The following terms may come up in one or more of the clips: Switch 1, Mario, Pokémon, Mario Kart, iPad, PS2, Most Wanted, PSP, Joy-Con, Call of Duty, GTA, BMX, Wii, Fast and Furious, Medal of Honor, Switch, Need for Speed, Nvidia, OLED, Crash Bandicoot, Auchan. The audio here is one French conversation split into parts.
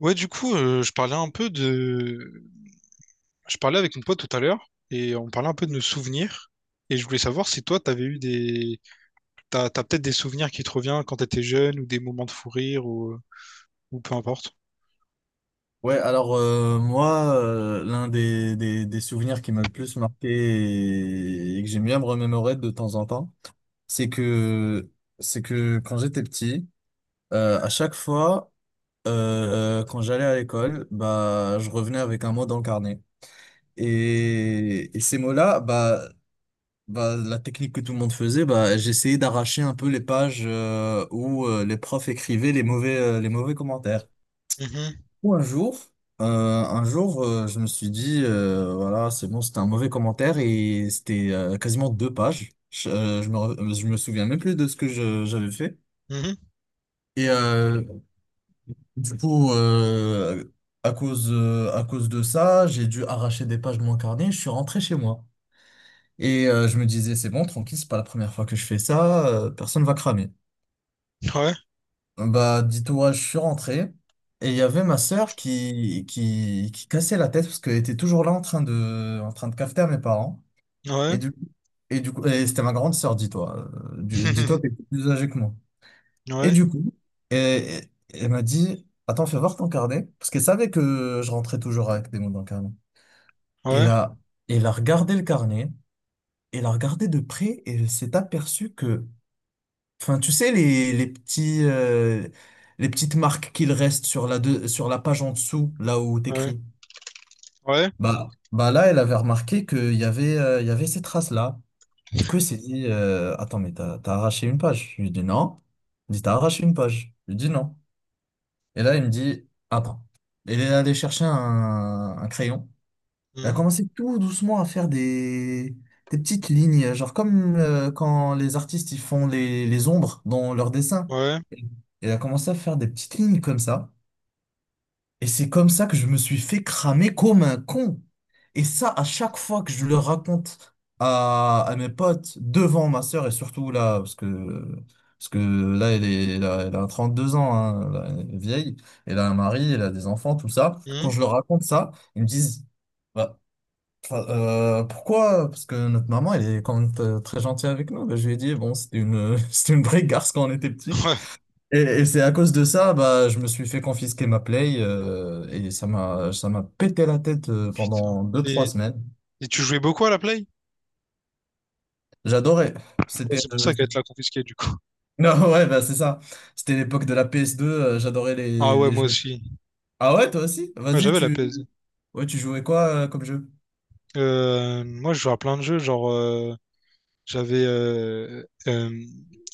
Ouais, du coup, je parlais un peu de... Je parlais avec mon pote tout à l'heure et on parlait un peu de nos souvenirs. Et je voulais savoir si toi, t'avais eu des... T'as peut-être des souvenirs qui te reviennent quand t'étais jeune ou des moments de fou rire ou peu importe. Ouais, alors moi, l'un des souvenirs qui m'a le plus marqué et que j'aime bien me remémorer de temps en temps, c'est que c'est que quand j'étais petit, à chaque fois, quand j'allais à l'école, bah je revenais avec un mot dans le carnet. Et ces mots-là, bah la technique que tout le monde faisait, bah j'essayais d'arracher un peu les pages, où les profs écrivaient les mauvais commentaires. Mhm, Ou un jour, euh, un jour, je me suis dit, voilà, c'est bon, c'était un mauvais commentaire et c'était quasiment deux pages. Je me souviens même plus de ce que j'avais fait. mhm. Et euh, du coup, à cause de ça, j'ai dû arracher des pages de mon carnet. Je suis rentré chez moi. Et je me disais, c'est bon, tranquille, c'est pas la première fois que je fais ça, personne va cramer. Ouais, Bah, dis-toi, je suis rentré et il y avait ma sœur qui cassait la tête parce qu'elle était toujours là en train de cafeter à mes parents. Et ouais. du, et du coup, c'était ma grande sœur, dis-toi. Dis-toi qu'elle était plus âgée que moi. Et Ouais, du coup, et, et- elle m'a dit, attends, fais voir ton carnet. Parce qu'elle savait que je rentrais toujours avec des mots dans le carnet. Et ouais, là, elle a regardé le carnet, elle a regardé de près et elle s'est aperçue que Enfin, tu sais, les petites marques qu'il reste sur sur la page en dessous, là où ouais, t'écris. ouais, Bah, là, elle avait remarqué qu'il y avait ces traces-là. Du coup, elle s'est dit, attends, mais t'as arraché une page. Je lui dis non. Il dit, t'as arraché une page. Je lui dis non. Et là, il me dit, attends. Elle est allée chercher un crayon. Elle a mhm, commencé tout doucement à faire des petites lignes, genre comme quand les artistes ils font les ombres dans leurs dessins. ouais, Et elle a commencé à faire des petites lignes comme ça. Et c'est comme ça que je me suis fait cramer comme un con. Et ça, à chaque fois que je le raconte à mes potes, devant ma sœur, et surtout là, parce que là, elle a 32 ans, hein, là, elle est vieille, elle a un mari, elle a des enfants, tout ça. Quand mhm, je leur raconte ça, ils me disent, bah, enfin, pourquoi? Parce que notre maman, elle est quand même très gentille avec nous. Bah, je lui ai dit, bon, c'était une vraie garce quand on était petit. ouais, Et c'est à cause de ça, bah, je me suis fait confisquer ma Play, et ça m'a pété la tête, putain. pendant deux, trois Et, semaines. et tu jouais beaucoup à la Play? J'adorais. Ouais, C'était, c'est pour euh, ça qu'elle c'était- te l'a confisquée, du coup. non, ouais, bah, c'est ça. C'était l'époque de la PS2, j'adorais Ah les, ouais, les moi jeux. aussi. Ah ouais, toi aussi? Ouais, Vas-y, j'avais la PS. ouais, tu jouais quoi, comme jeu? Moi, je jouais à plein de jeux, j'avais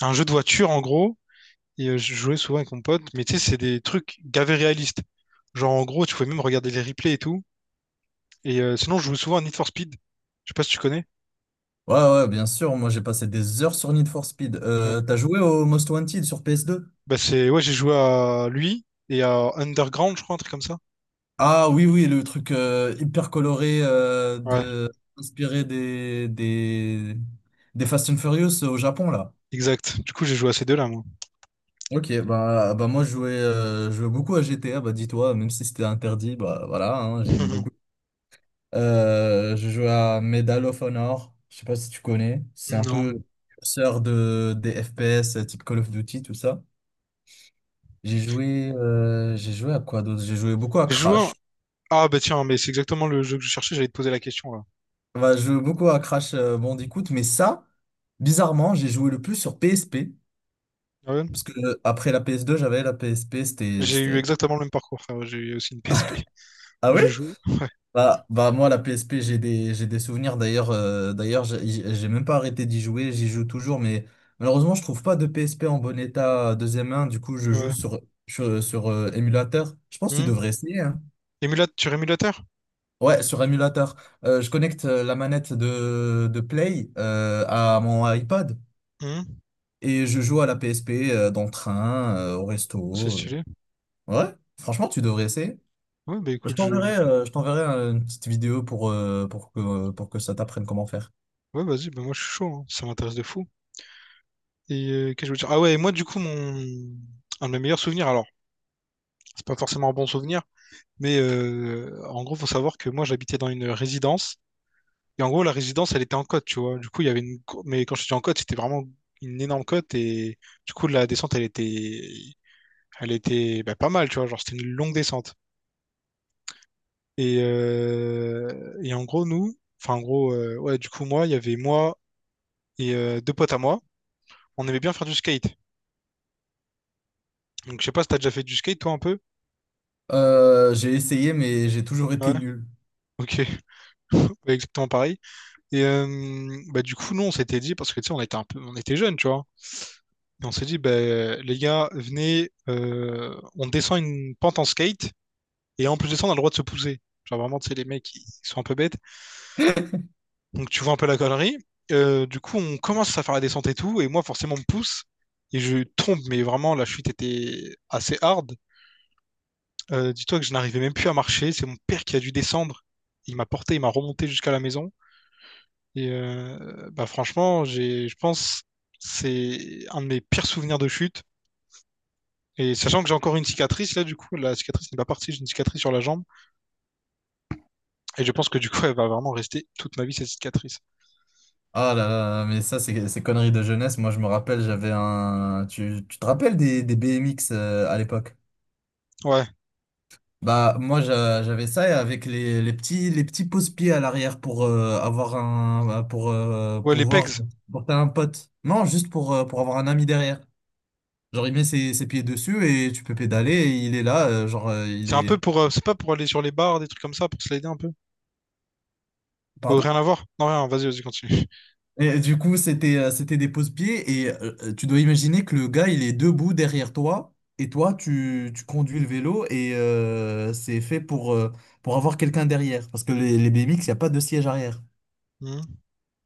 un jeu de voiture en gros, et je jouais souvent avec mon pote, mais tu sais, c'est des trucs gavés réalistes. Genre en gros, tu pouvais même regarder les replays et tout. Et sinon, je joue souvent à Need for Speed. Je sais pas si tu connais. Ouais, ouais, bien sûr. Moi, j'ai passé des heures sur Need for Speed. Ouais. T'as joué au Most Wanted sur PS2? Bah c'est ouais, j'ai joué à lui et à Underground, je crois, un truc comme ça. Ah oui, oui, le truc, hyper coloré, Ouais, inspiré des Fast and Furious au Japon, là. exact. Du coup, j'ai joué à ces deux-là, moi. Ok, bah moi je jouais beaucoup à GTA, bah dis-toi, même si c'était interdit, bah voilà, hein, j'aimais beaucoup. Je jouais à Medal of Honor, je sais pas si tu connais, c'est un Non. peu le précurseur des FPS, type Call of Duty, tout ça. J'ai joué à quoi d'autre? J'ai joué beaucoup à J'ai joué Crash. un- Ah bah tiens, mais c'est exactement le jeu que je cherchais, j'allais te poser la question là. Bah, je joue beaucoup à Crash, Bandicoot, mais ça, bizarrement, j'ai joué le plus sur PSP. Ah ouais, Parce que, après la PS2, j'avais la PSP, j'ai eu exactement le même parcours, frère. J'ai eu aussi une PSP Ah où oui? je jouais. Bah, moi, la PSP, j'ai des souvenirs. D'ailleurs, j'ai même pas arrêté d'y jouer, j'y joue toujours, mais malheureusement, je trouve pas de PSP en bon état, deuxième main. Du coup, je Ouais. joue Ouais. sur émulateur. Je pense que tu Hmm. devrais essayer, hein. Émulate, sur émulateur? Ouais, sur émulateur. Je connecte, la manette de Play, à mon iPad. Hmm, Et je joue à la PSP, dans le train, au c'est resto. euh. stylé. Ouais, franchement, tu devrais essayer. Ouais, bah écoute, je. Je t'enverrai, une petite vidéo, pour que ça t'apprenne comment faire. Ouais, vas-y, bah moi je suis chaud, hein. Ça m'intéresse de fou. Et qu'est-ce que je veux dire? Ah ouais, et moi du coup, mon. Un de mes meilleurs souvenirs, alors, c'est pas forcément un bon souvenir, mais en gros, faut savoir que moi j'habitais dans une résidence. Et en gros, la résidence, elle était en côte, tu vois. Du coup, il y avait mais quand je dis en côte, c'était vraiment une énorme côte. Et du coup, la descente, elle était. Elle était bah, pas mal, tu vois. Genre, c'était une longue descente. Et en gros, nous. Enfin, en gros, ouais, du coup, moi, il y avait moi et deux potes à moi. On aimait bien faire du skate. Donc, je sais pas si t'as déjà fait du skate, toi, un peu? J'ai essayé, mais j'ai toujours Ouais. été nul. Ok. Exactement pareil. Et bah, du coup, nous, on s'était dit, parce que tu sais, on était un peu, on était jeunes, tu vois. Et on s'est dit, bah, les gars, venez, on descend une pente en skate. Et en plus de ça, on a le droit de se pousser. Genre vraiment, tu sais, les mecs, ils sont un peu bêtes. Donc, tu vois un peu la connerie. Du coup, on commence à faire la descente et tout. Et moi, forcément, on me pousse. Et je tombe, mais vraiment, la chute était assez hard. Dis-toi que je n'arrivais même plus à marcher. C'est mon père qui a dû descendre. Il m'a porté, il m'a remonté jusqu'à la maison. Et bah franchement, j'ai, je pense, c'est un de mes pires souvenirs de chute. Et sachant que j'ai encore une cicatrice, là, du coup, la cicatrice n'est pas partie, j'ai une cicatrice sur la jambe. Et je pense que du coup, elle va vraiment rester toute ma vie, cette cicatrice. Ah là là, mais ça, c'est conneries de jeunesse. Moi, je me rappelle, Tu te rappelles des BMX, à l'époque? Ouais, Bah, moi, j'avais ça et avec les petits pouces-pieds à l'arrière, pour ouais, les pouvoir pegs. porter un pote. Non, juste pour avoir un ami derrière. Genre, il met ses pieds dessus et tu peux pédaler et il est là, genre, C'est un peu pour, c'est pas pour aller sur les barres, des trucs comme ça, pour se l'aider un peu. Oh, rien Pardon? à voir? Non, rien, vas-y, vas-y, continue. Et du coup, c'était des pose-pieds et tu dois imaginer que le gars, il est debout derrière toi et toi, tu conduis le vélo et, c'est fait pour avoir quelqu'un derrière parce que les BMX, il n'y a pas de siège arrière. Hmm.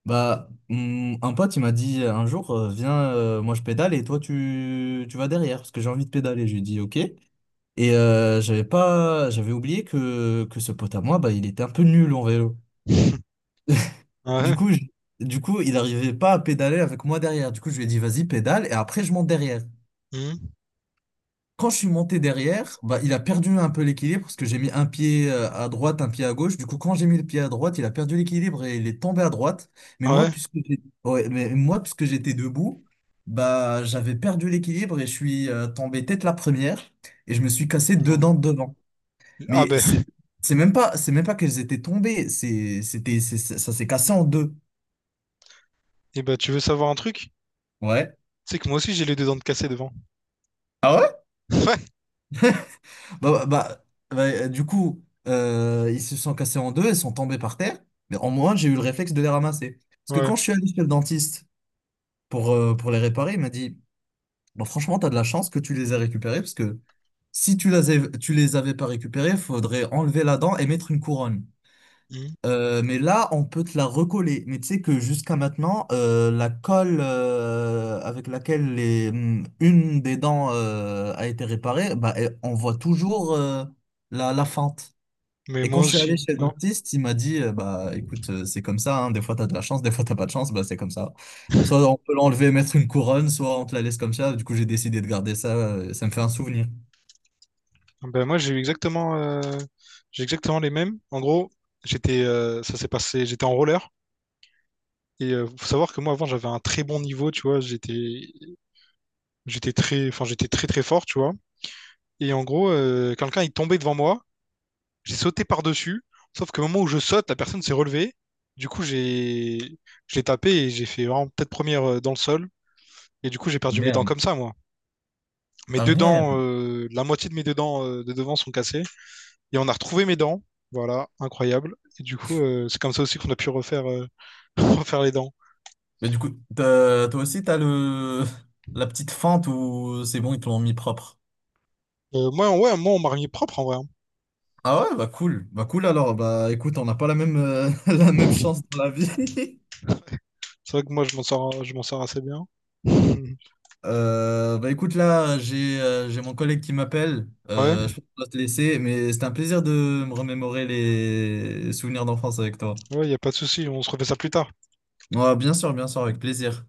Bah, un pote, il m'a dit un jour, viens, moi je pédale et toi tu vas derrière parce que j'ai envie de pédaler. Je lui ai dit ok. Et j'avais pas, j'avais oublié que ce pote à moi, bah, il était un peu nul en vélo. Du Ouais. coup, je- du coup, il arrivait pas à pédaler avec moi derrière. Du coup, je lui ai dit vas-y, pédale et après je monte derrière. Hmm, Quand je suis monté derrière, bah, il a perdu un peu l'équilibre parce que j'ai mis un pied, à droite, un pied à gauche. Du coup, quand j'ai mis le pied à droite, il a perdu l'équilibre et il est tombé à droite. Ouais. Ouais, mais moi, puisque j'étais debout, bah, j'avais perdu l'équilibre et je suis, tombé tête la première et je me suis cassé deux Non. dents de devant. Ah Mais c'est ben, c'est même pas c'est même pas qu'elles étaient tombées, ça s'est cassé en deux. et ben, tu veux savoir un truc? Ouais. C'est que moi aussi, j'ai les deux dents de cassé devant. Ah ouais? Ouais. Bah, bah, bah, bah, du coup, ils se sont cassés en deux, ils sont tombés par terre, mais en moins j'ai eu le réflexe de les ramasser. Parce que Ouais. quand je suis allé chez le dentiste, pour les réparer, il m'a dit, bon, franchement, t'as de la chance que tu les aies récupérés, parce que si tu les avais, tu les avais pas récupérés, il faudrait enlever la dent et mettre une couronne. Hmm. Mais là, on peut te la recoller. Mais tu sais que jusqu'à maintenant, la colle, avec laquelle une des dents, a été réparée, bah, on voit toujours, la fente. Mais Et moi quand je suis aussi, allé chez le ouais. dentiste, il m'a dit, bah écoute, c'est comme ça, hein, des fois t'as de la chance, des fois t'as pas de chance, bah c'est comme ça. Soit on peut l'enlever, mettre une couronne, soit on te la laisse comme ça. Du coup, j'ai décidé de garder ça, ça me fait un souvenir. Ah ben, moi, j'ai eu exactement, j'ai exactement les mêmes. En gros, j'étais, ça s'est passé, j'étais en roller. Et faut savoir que moi avant j'avais un très bon niveau, tu vois, j'étais très enfin j'étais très très fort, tu vois. Et en gros, quelqu'un est tombé devant moi, j'ai sauté par-dessus, sauf qu'au moment où je saute, la personne s'est relevée. Du coup, j'ai je l'ai tapé et j'ai fait vraiment tête première dans le sol et du coup, j'ai perdu mes dents Merde. comme ça moi. Mes Ah deux dents merde. La moitié de mes deux dents de devant sont cassées et on a retrouvé mes dents. Voilà, incroyable. Et du coup, c'est comme ça aussi qu'on a pu refaire refaire les dents. Mais du coup, toi aussi, t'as le la petite fente où c'est bon, ils te l'ont mis propre. Moi, ouais, moi on m'a remis propre en vrai, hein. Ah ouais, bah cool. Bah cool alors, bah écoute, on n'a pas la même chance dans la vie. C'est vrai que moi, je m'en sors assez bien. Bah écoute là, j'ai mon collègue qui m'appelle. Ouais, Je pense que je dois te laisser, mais c'était un plaisir de me remémorer les souvenirs d'enfance avec toi. ouais, y a pas de souci, on se refait ça plus tard. Ouais, bien sûr, avec plaisir.